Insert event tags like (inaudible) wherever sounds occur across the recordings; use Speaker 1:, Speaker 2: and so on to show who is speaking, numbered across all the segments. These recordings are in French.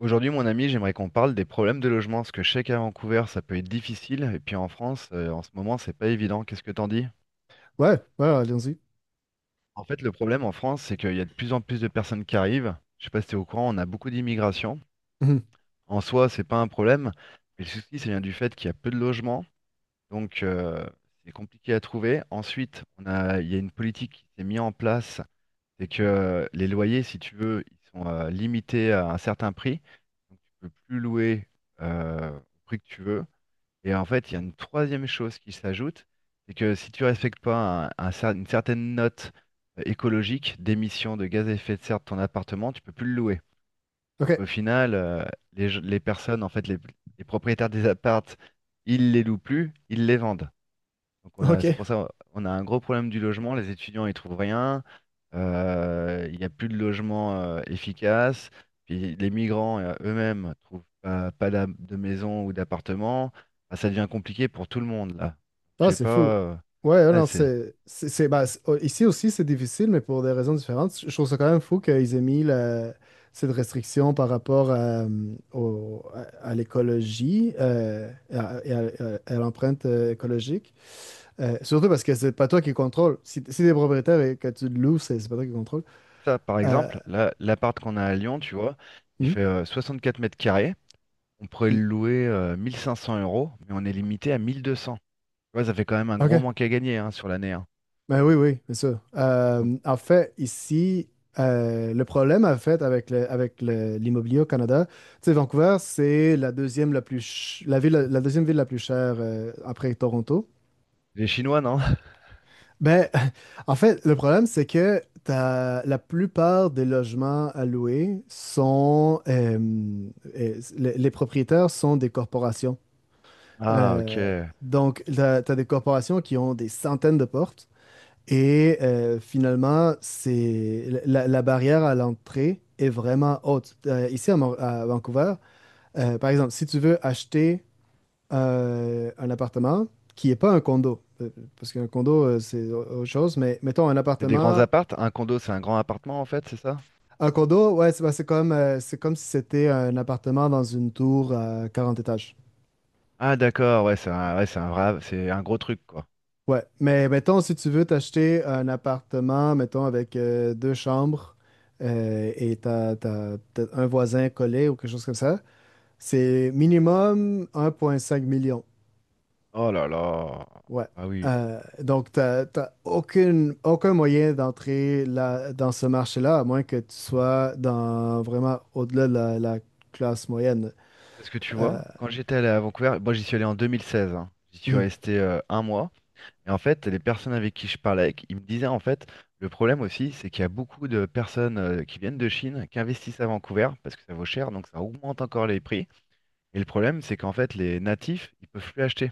Speaker 1: Aujourd'hui, mon ami, j'aimerais qu'on parle des problèmes de logement, parce que je sais qu'à Vancouver, ça peut être difficile, et puis en France, en ce moment, c'est pas évident. Qu'est-ce que t'en dis?
Speaker 2: Ouais, ouais, ouais, allons-y.
Speaker 1: En fait, le problème en France, c'est qu'il y a de plus en plus de personnes qui arrivent. Je sais pas si t'es au courant, on a beaucoup d'immigration.
Speaker 2: Mhm.
Speaker 1: En soi, c'est pas un problème, mais le souci, c'est bien du fait qu'il y a peu de logements, donc c'est compliqué à trouver. Ensuite, il y a une politique qui s'est mise en place, c'est que les loyers, si tu veux, ils sont limités à un certain prix, donc tu peux plus louer au prix que tu veux. Et en fait, il y a une troisième chose qui s'ajoute, c'est que si tu respectes pas une certaine note écologique d'émissions de gaz à effet de serre de ton appartement, tu peux plus le louer. Donc
Speaker 2: OK.
Speaker 1: au final, les personnes, en fait, les propriétaires des appartes, ils les louent plus, ils les vendent. Donc c'est
Speaker 2: Ok.
Speaker 1: pour ça on a un gros problème du logement. Les étudiants ils trouvent rien. Il n'y a plus de logement efficace. Puis les migrants eux-mêmes trouvent pas de maison ou d'appartement. Ah, ça devient compliqué pour tout le monde là. Je
Speaker 2: Ah,
Speaker 1: sais
Speaker 2: c'est
Speaker 1: pas,
Speaker 2: fou. Ouais, ouais,
Speaker 1: ouais,
Speaker 2: non,
Speaker 1: c'est
Speaker 2: oh, ici aussi, c'est difficile, mais pour des raisons différentes. Je trouve ça quand même fou qu'ils aient mis cette restriction par rapport à, à l'écologie et à l'empreinte écologique. Surtout parce que c'est pas toi qui contrôle. Si t'es propriétaire et que tu le loues, c'est pas toi qui contrôle.
Speaker 1: ça par
Speaker 2: Euh,
Speaker 1: exemple. Là, l'appart qu'on a à Lyon, tu vois, il
Speaker 2: hmm,
Speaker 1: fait 4 mètres carrés. On pourrait le
Speaker 2: hmm.
Speaker 1: louer 1500 euros, mais on est limité à 1200. Tu vois, ça fait quand même un gros
Speaker 2: OK.
Speaker 1: manque à gagner, hein, sur l'année, hein.
Speaker 2: Ben oui, oui, c'est ça.
Speaker 1: Donc,
Speaker 2: En fait, ici, le problème, en fait, avec l'immobilier au Canada, tu sais, Vancouver, c'est la deuxième ville la plus chère après Toronto.
Speaker 1: les Chinois, non? (laughs)
Speaker 2: Ben, (laughs) en fait, le problème, c'est que la plupart des logements à louer les propriétaires sont des corporations.
Speaker 1: Ah,
Speaker 2: Euh,
Speaker 1: ok.
Speaker 2: donc, tu as des corporations qui ont des centaines de portes. Et finalement, la barrière à l'entrée est vraiment haute. Ici à Vancouver, par exemple, si tu veux acheter un appartement qui n'est pas un condo, parce qu'un condo, c'est autre chose, mais mettons un
Speaker 1: C'est des grands
Speaker 2: appartement.
Speaker 1: appartes? Un condo, c'est un grand appartement en fait, c'est ça?
Speaker 2: Un condo, ouais, c'est comme si c'était un appartement dans une tour à 40 étages.
Speaker 1: Ah d'accord, ouais, c'est un vrai, c'est un gros truc quoi.
Speaker 2: Ouais, mais mettons, si tu veux t'acheter un appartement, mettons, avec deux chambres et t'as un voisin collé ou quelque chose comme ça, c'est minimum 1,5 million.
Speaker 1: Oh là là.
Speaker 2: Ouais.
Speaker 1: Ah oui.
Speaker 2: Donc, t'as aucun moyen d'entrer là, dans ce marché-là, à moins que tu sois dans vraiment au-delà de la classe moyenne.
Speaker 1: Parce que tu
Speaker 2: Euh,
Speaker 1: vois, quand j'étais allé à Vancouver, moi j'y suis allé en 2016, hein. J'y suis
Speaker 2: mhm,
Speaker 1: resté un mois. Et en fait, les personnes avec qui je parlais, ils me disaient en fait, le problème aussi, c'est qu'il y a beaucoup de personnes qui viennent de Chine, qui investissent à Vancouver, parce que ça vaut cher, donc ça augmente encore les prix. Et le problème, c'est qu'en fait, les natifs, ils peuvent plus acheter.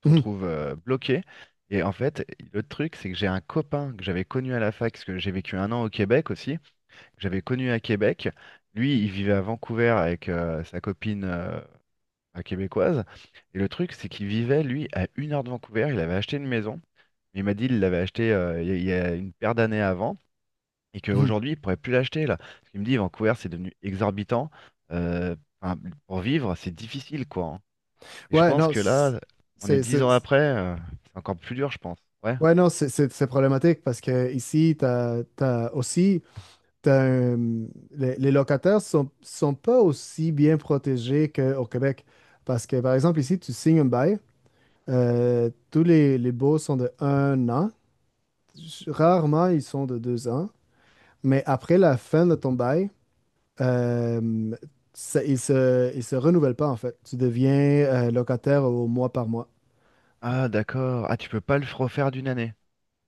Speaker 1: Te
Speaker 2: mhm,
Speaker 1: retrouves bloqué. Et en fait, le truc, c'est que j'ai un copain que j'avais connu à la fac, parce que j'ai vécu un an au Québec aussi, que j'avais connu à Québec. Lui, il vivait à Vancouver avec sa copine, un québécoise. Et le truc, c'est qu'il vivait, lui, à une heure de Vancouver. Il avait acheté une maison. Il m'a dit il l'avait acheté, il y a une paire d'années avant, et
Speaker 2: mhm.
Speaker 1: qu'aujourd'hui, il pourrait plus l'acheter là. Parce qu'il me dit, Vancouver, c'est devenu exorbitant. Enfin, pour vivre, c'est difficile, quoi. Et je
Speaker 2: Ouais,
Speaker 1: pense
Speaker 2: non,
Speaker 1: que là, on est dix ans après, c'est encore plus dur, je pense. Ouais.
Speaker 2: ouais, non, c'est problématique parce que ici, t'as, t'as aussi, t'as un- les locataires sont pas aussi bien protégés qu'au Québec. Parce que, par exemple, ici, tu signes un bail, tous les baux sont de 1 an. Rarement, ils sont de 2 ans. Mais après la fin de ton bail, euh, ils se renouvellent pas, en fait. Tu deviens locataire au mois par mois.
Speaker 1: Ah, d'accord. Ah, tu peux pas le refaire d'une année.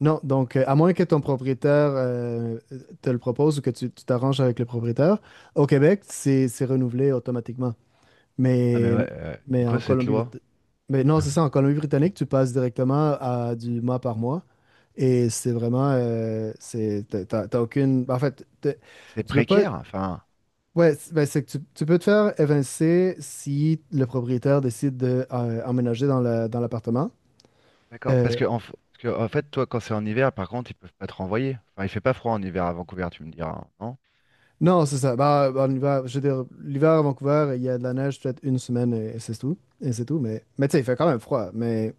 Speaker 2: Non, donc à moins que ton propriétaire te le propose ou que tu t'arranges avec le propriétaire, au Québec, c'est renouvelé automatiquement.
Speaker 1: Ah, mais
Speaker 2: Mais,
Speaker 1: ouais, c'est
Speaker 2: mais
Speaker 1: quoi cette loi?
Speaker 2: Mais non, c'est
Speaker 1: (laughs)
Speaker 2: ça, en Colombie-Britannique, tu passes directement à du mois par mois et c'est vraiment, c'est, t'as, t'as- t'as aucune, en fait, t'es-
Speaker 1: C'est
Speaker 2: tu peux pas,
Speaker 1: précaire, enfin.
Speaker 2: ouais, c'est que tu peux te faire évincer si le propriétaire décide de emménager dans dans l'appartement.
Speaker 1: D'accord. Parce
Speaker 2: Euh,
Speaker 1: que, en, f- parce que, en fait, toi, quand c'est en hiver, par contre, ils peuvent pas te renvoyer. Enfin, il fait pas froid en hiver à Vancouver, tu me diras, hein, non?
Speaker 2: Non, c'est ça. Bah, en hiver, je veux dire, l'hiver à Vancouver, il y a de la neige peut-être une semaine et c'est tout. Et c'est tout. Mais tu sais, il fait quand même froid. Mais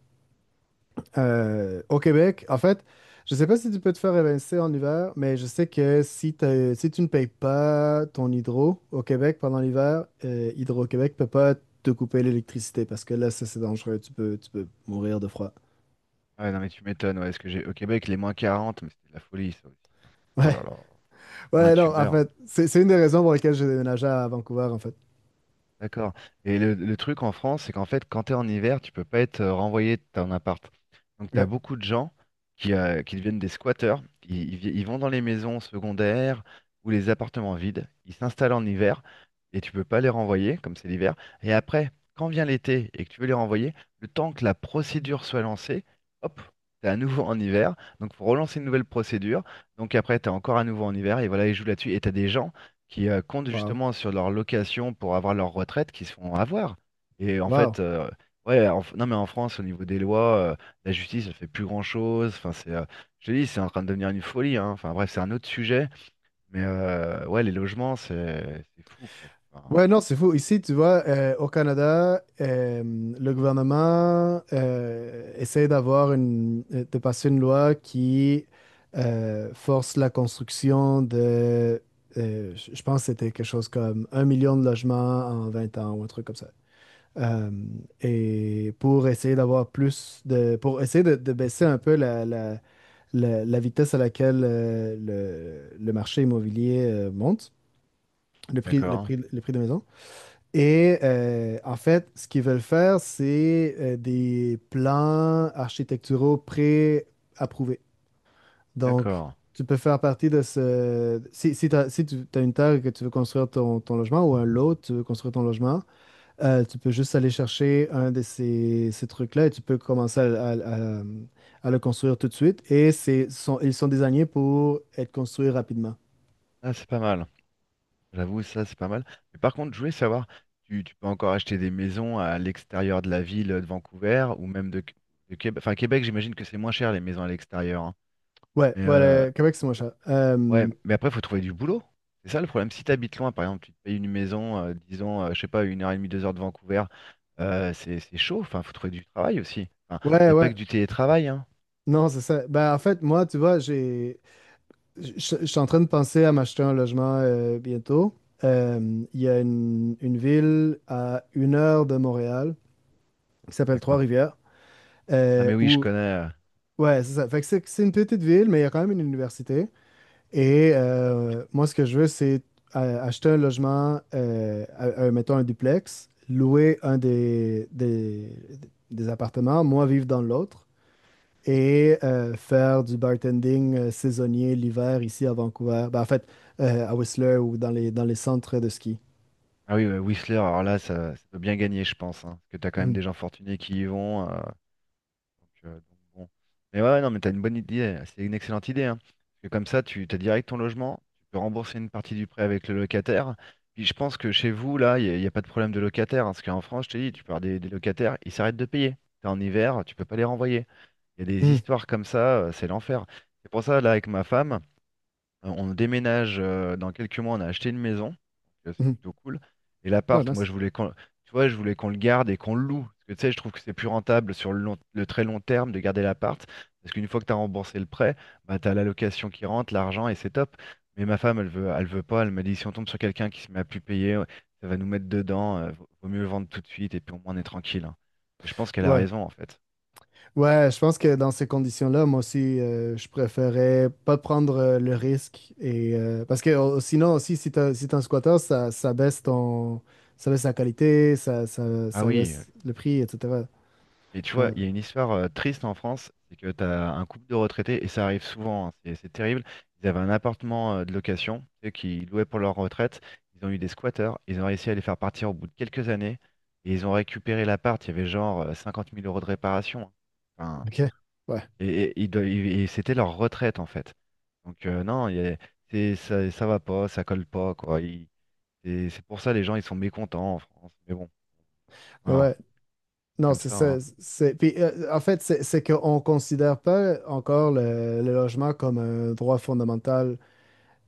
Speaker 2: au Québec, en fait, je sais pas si tu peux te faire évincer en hiver, mais je sais que si tu ne payes pas ton hydro au Québec pendant l'hiver, Hydro-Québec peut pas te couper l'électricité parce que là, ça c'est dangereux. Tu peux mourir de froid. (laughs)
Speaker 1: Ah, ouais, non, mais tu m'étonnes. Ouais, est-ce que j'ai au Québec, les -40, mais c'était de la folie, ça aussi, hein. Oh
Speaker 2: Ouais,
Speaker 1: là là. Ah,
Speaker 2: ouais,
Speaker 1: tu
Speaker 2: non, en
Speaker 1: meurs.
Speaker 2: fait, c'est une des raisons pour lesquelles j'ai déménagé à Vancouver, en fait.
Speaker 1: D'accord. Et le truc en France, c'est qu'en fait, quand tu es en hiver, tu peux pas être renvoyé de ton appart. Donc, tu as
Speaker 2: Ok.
Speaker 1: beaucoup de gens qui deviennent des squatteurs. Ils vont dans les maisons secondaires ou les appartements vides. Ils s'installent en hiver et tu peux pas les renvoyer, comme c'est l'hiver. Et après, quand vient l'été et que tu veux les renvoyer, le temps que la procédure soit lancée, hop, tu es à nouveau en hiver. Donc, faut relancer une nouvelle procédure. Donc, après, tu es encore à nouveau en hiver. Et voilà, ils jouent là-dessus. Et tu as des gens qui comptent
Speaker 2: Wow.
Speaker 1: justement sur leur location pour avoir leur retraite, qui se font avoir. Et en
Speaker 2: Wow.
Speaker 1: fait, ouais, non mais en France, au niveau des lois, la justice, elle fait plus grand-chose. Enfin, c'est, je te dis, c'est en train de devenir une folie, hein. Enfin bref, c'est un autre sujet. Mais ouais, les logements, c'est fou, quoi. Enfin,
Speaker 2: Ouais, non, c'est fou. Ici, tu vois, au Canada, le gouvernement essaie de passer une loi qui force la construction de, je pense que c'était quelque chose comme 1 million de logements en 20 ans ou un truc comme ça. Euh, et pour essayer pour essayer de baisser un peu la vitesse à laquelle le marché immobilier monte, le prix, le
Speaker 1: d'accord, hein.
Speaker 2: prix, le prix des maisons. Et en fait, ce qu'ils veulent faire, c'est des plans architecturaux pré-approuvés. Donc,
Speaker 1: D'accord.
Speaker 2: tu peux faire partie de ce. Si tu as une terre et que tu veux construire ton logement ou un lot, tu veux construire ton logement, tu peux juste aller chercher un de ces trucs-là et tu peux commencer à le construire tout de suite. Et ils sont désignés pour être construits rapidement.
Speaker 1: Ah, c'est pas mal. J'avoue, ça, c'est pas mal. Mais par contre, je voulais savoir, tu peux encore acheter des maisons à l'extérieur de la ville de Vancouver ou même de, Québec. Enfin, Québec, j'imagine que c'est moins cher les maisons à l'extérieur, hein.
Speaker 2: Ouais,
Speaker 1: Mais
Speaker 2: ouais, le Québec, c'est moins cher.
Speaker 1: Ouais, mais après, il faut trouver du boulot. C'est ça le problème. Si tu habites loin, par exemple, tu te payes une maison, disons, je sais pas, une heure et demie, 2 heures de Vancouver, c'est chaud. Enfin, faut trouver du travail aussi. Enfin, il
Speaker 2: Ouais,
Speaker 1: n'y a pas
Speaker 2: ouais.
Speaker 1: que du télétravail, hein.
Speaker 2: Non, c'est ça. Ben, en fait, moi, tu vois, je suis en train de penser à m'acheter un logement bientôt. Il y a une ville à 1 heure de Montréal qui s'appelle
Speaker 1: D'accord.
Speaker 2: Trois-Rivières,
Speaker 1: Ah, mais oui, je
Speaker 2: où,
Speaker 1: connais,
Speaker 2: ouais, c'est ça. Fait que c'est une petite ville, mais il y a quand même une université. Et moi, ce que je veux, c'est acheter un logement, mettons un duplex, louer un des appartements, moi vivre dans l'autre. Et faire du bartending saisonnier l'hiver ici à Vancouver. Ben, en fait, à Whistler ou dans les centres de ski.
Speaker 1: Ah oui, Whistler, alors là, ça peut bien gagner, je pense, hein, parce que tu as quand même
Speaker 2: Mhm.
Speaker 1: des gens fortunés qui y vont. Donc bon. Mais ouais, ouais, non, mais t'as une bonne idée. C'est une excellente idée, hein. Parce que comme ça, tu t'as direct ton logement, tu peux rembourser une partie du prêt avec le locataire. Puis je pense que chez vous, là, y a pas de problème de locataire, hein, parce qu'en France, je te dis, tu parles des locataires, ils s'arrêtent de payer. T'es en hiver, tu peux pas les renvoyer. Il y a des
Speaker 2: Mhm.
Speaker 1: histoires comme ça, c'est l'enfer. C'est pour ça, là, avec ma femme. On déménage dans quelques mois, on a acheté une maison, donc c'est
Speaker 2: Mhm.
Speaker 1: plutôt cool. Et
Speaker 2: Ah,
Speaker 1: l'appart, moi
Speaker 2: nice.
Speaker 1: je voulais tu vois, je voulais qu'on le garde et qu'on le loue. Parce que tu sais, je trouve que c'est plus rentable sur le le très long terme de garder l'appart. Parce qu'une fois que tu as remboursé le prêt, bah, tu as la location qui rentre, l'argent et c'est top. Mais ma femme, elle veut pas. Elle m'a dit si on tombe sur quelqu'un qui se met à plus payer, ouais, ça va nous mettre dedans, vaut mieux vendre tout de suite et puis au moins on est tranquille, hein. Et je pense qu'elle a
Speaker 2: Ouais.
Speaker 1: raison en fait.
Speaker 2: Ouais, je pense que dans ces conditions-là, moi aussi, je préférais pas prendre le risque. Et, parce que sinon aussi, si t'es un squatter, ça baisse la qualité, ça, ça,
Speaker 1: Ah
Speaker 2: ça
Speaker 1: oui,
Speaker 2: baisse le prix, etc.
Speaker 1: Et tu vois,
Speaker 2: Ah,
Speaker 1: il y a une histoire triste en France, c'est que tu as un couple de retraités, et ça arrive souvent, hein, c'est terrible. Ils avaient un appartement de location, tu sais, qu'ils louaient pour leur retraite. Ils ont eu des squatteurs, ils ont réussi à les faire partir au bout de quelques années, et ils ont récupéré l'appart. Il y avait genre 50 000 euros de réparation, hein. Enfin,
Speaker 2: ok. Ouais.
Speaker 1: et et- ils doivent- et c'était leur retraite, en fait. Donc, non, il y a- c'est- ça va pas, ça colle pas, quoi. C'est pour ça les gens, ils sont mécontents en France. Mais bon,
Speaker 2: Mais
Speaker 1: hein,
Speaker 2: ouais,
Speaker 1: c'est
Speaker 2: non,
Speaker 1: comme
Speaker 2: c'est
Speaker 1: ça,
Speaker 2: ça.
Speaker 1: hein.
Speaker 2: Puis, en fait, c'est qu'on ne considère pas encore le logement comme un droit fondamental.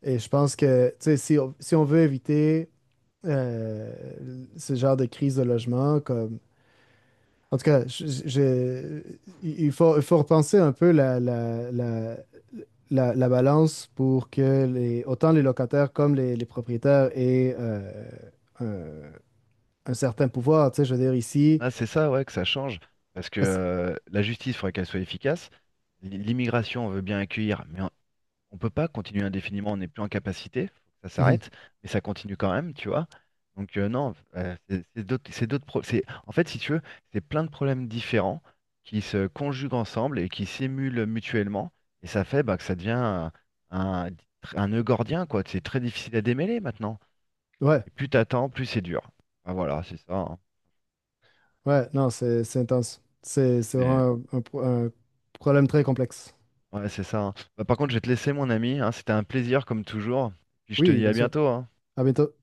Speaker 2: Et je pense que, tu sais, si on veut éviter euh, ce genre de crise de logement, comme. En tout cas, il faut, repenser un peu la balance pour que autant les locataires comme les propriétaires aient un, un certain pouvoir. Tu sais, je veux dire, ici.
Speaker 1: Ah, c'est ça, ouais, que ça change. Parce que
Speaker 2: parce-
Speaker 1: la justice, il faudrait qu'elle soit efficace. L'immigration, on veut bien accueillir, mais on ne peut pas continuer indéfiniment. On n'est plus en capacité. Faut que ça
Speaker 2: Mhm.
Speaker 1: s'arrête. Mais ça continue quand même, tu vois. Donc, non, c'est d'autres. En fait, si tu veux, c'est plein de problèmes différents qui se conjuguent ensemble et qui s'émulent mutuellement. Et ça fait bah, que ça devient un, un nœud gordien, quoi. C'est très difficile à démêler maintenant.
Speaker 2: (laughs) Ouais.
Speaker 1: Et plus t'attends, plus c'est dur. Ah, voilà, c'est ça, hein.
Speaker 2: Ouais, non, c'est intense. C'est
Speaker 1: Mais.
Speaker 2: vraiment un problème très complexe.
Speaker 1: Ouais, c'est ça, hein. Bah, par contre, je vais te laisser, mon ami, hein. C'était un plaisir, comme toujours. Puis je te
Speaker 2: Oui,
Speaker 1: dis
Speaker 2: bien
Speaker 1: à
Speaker 2: sûr.
Speaker 1: bientôt, hein.
Speaker 2: À bientôt.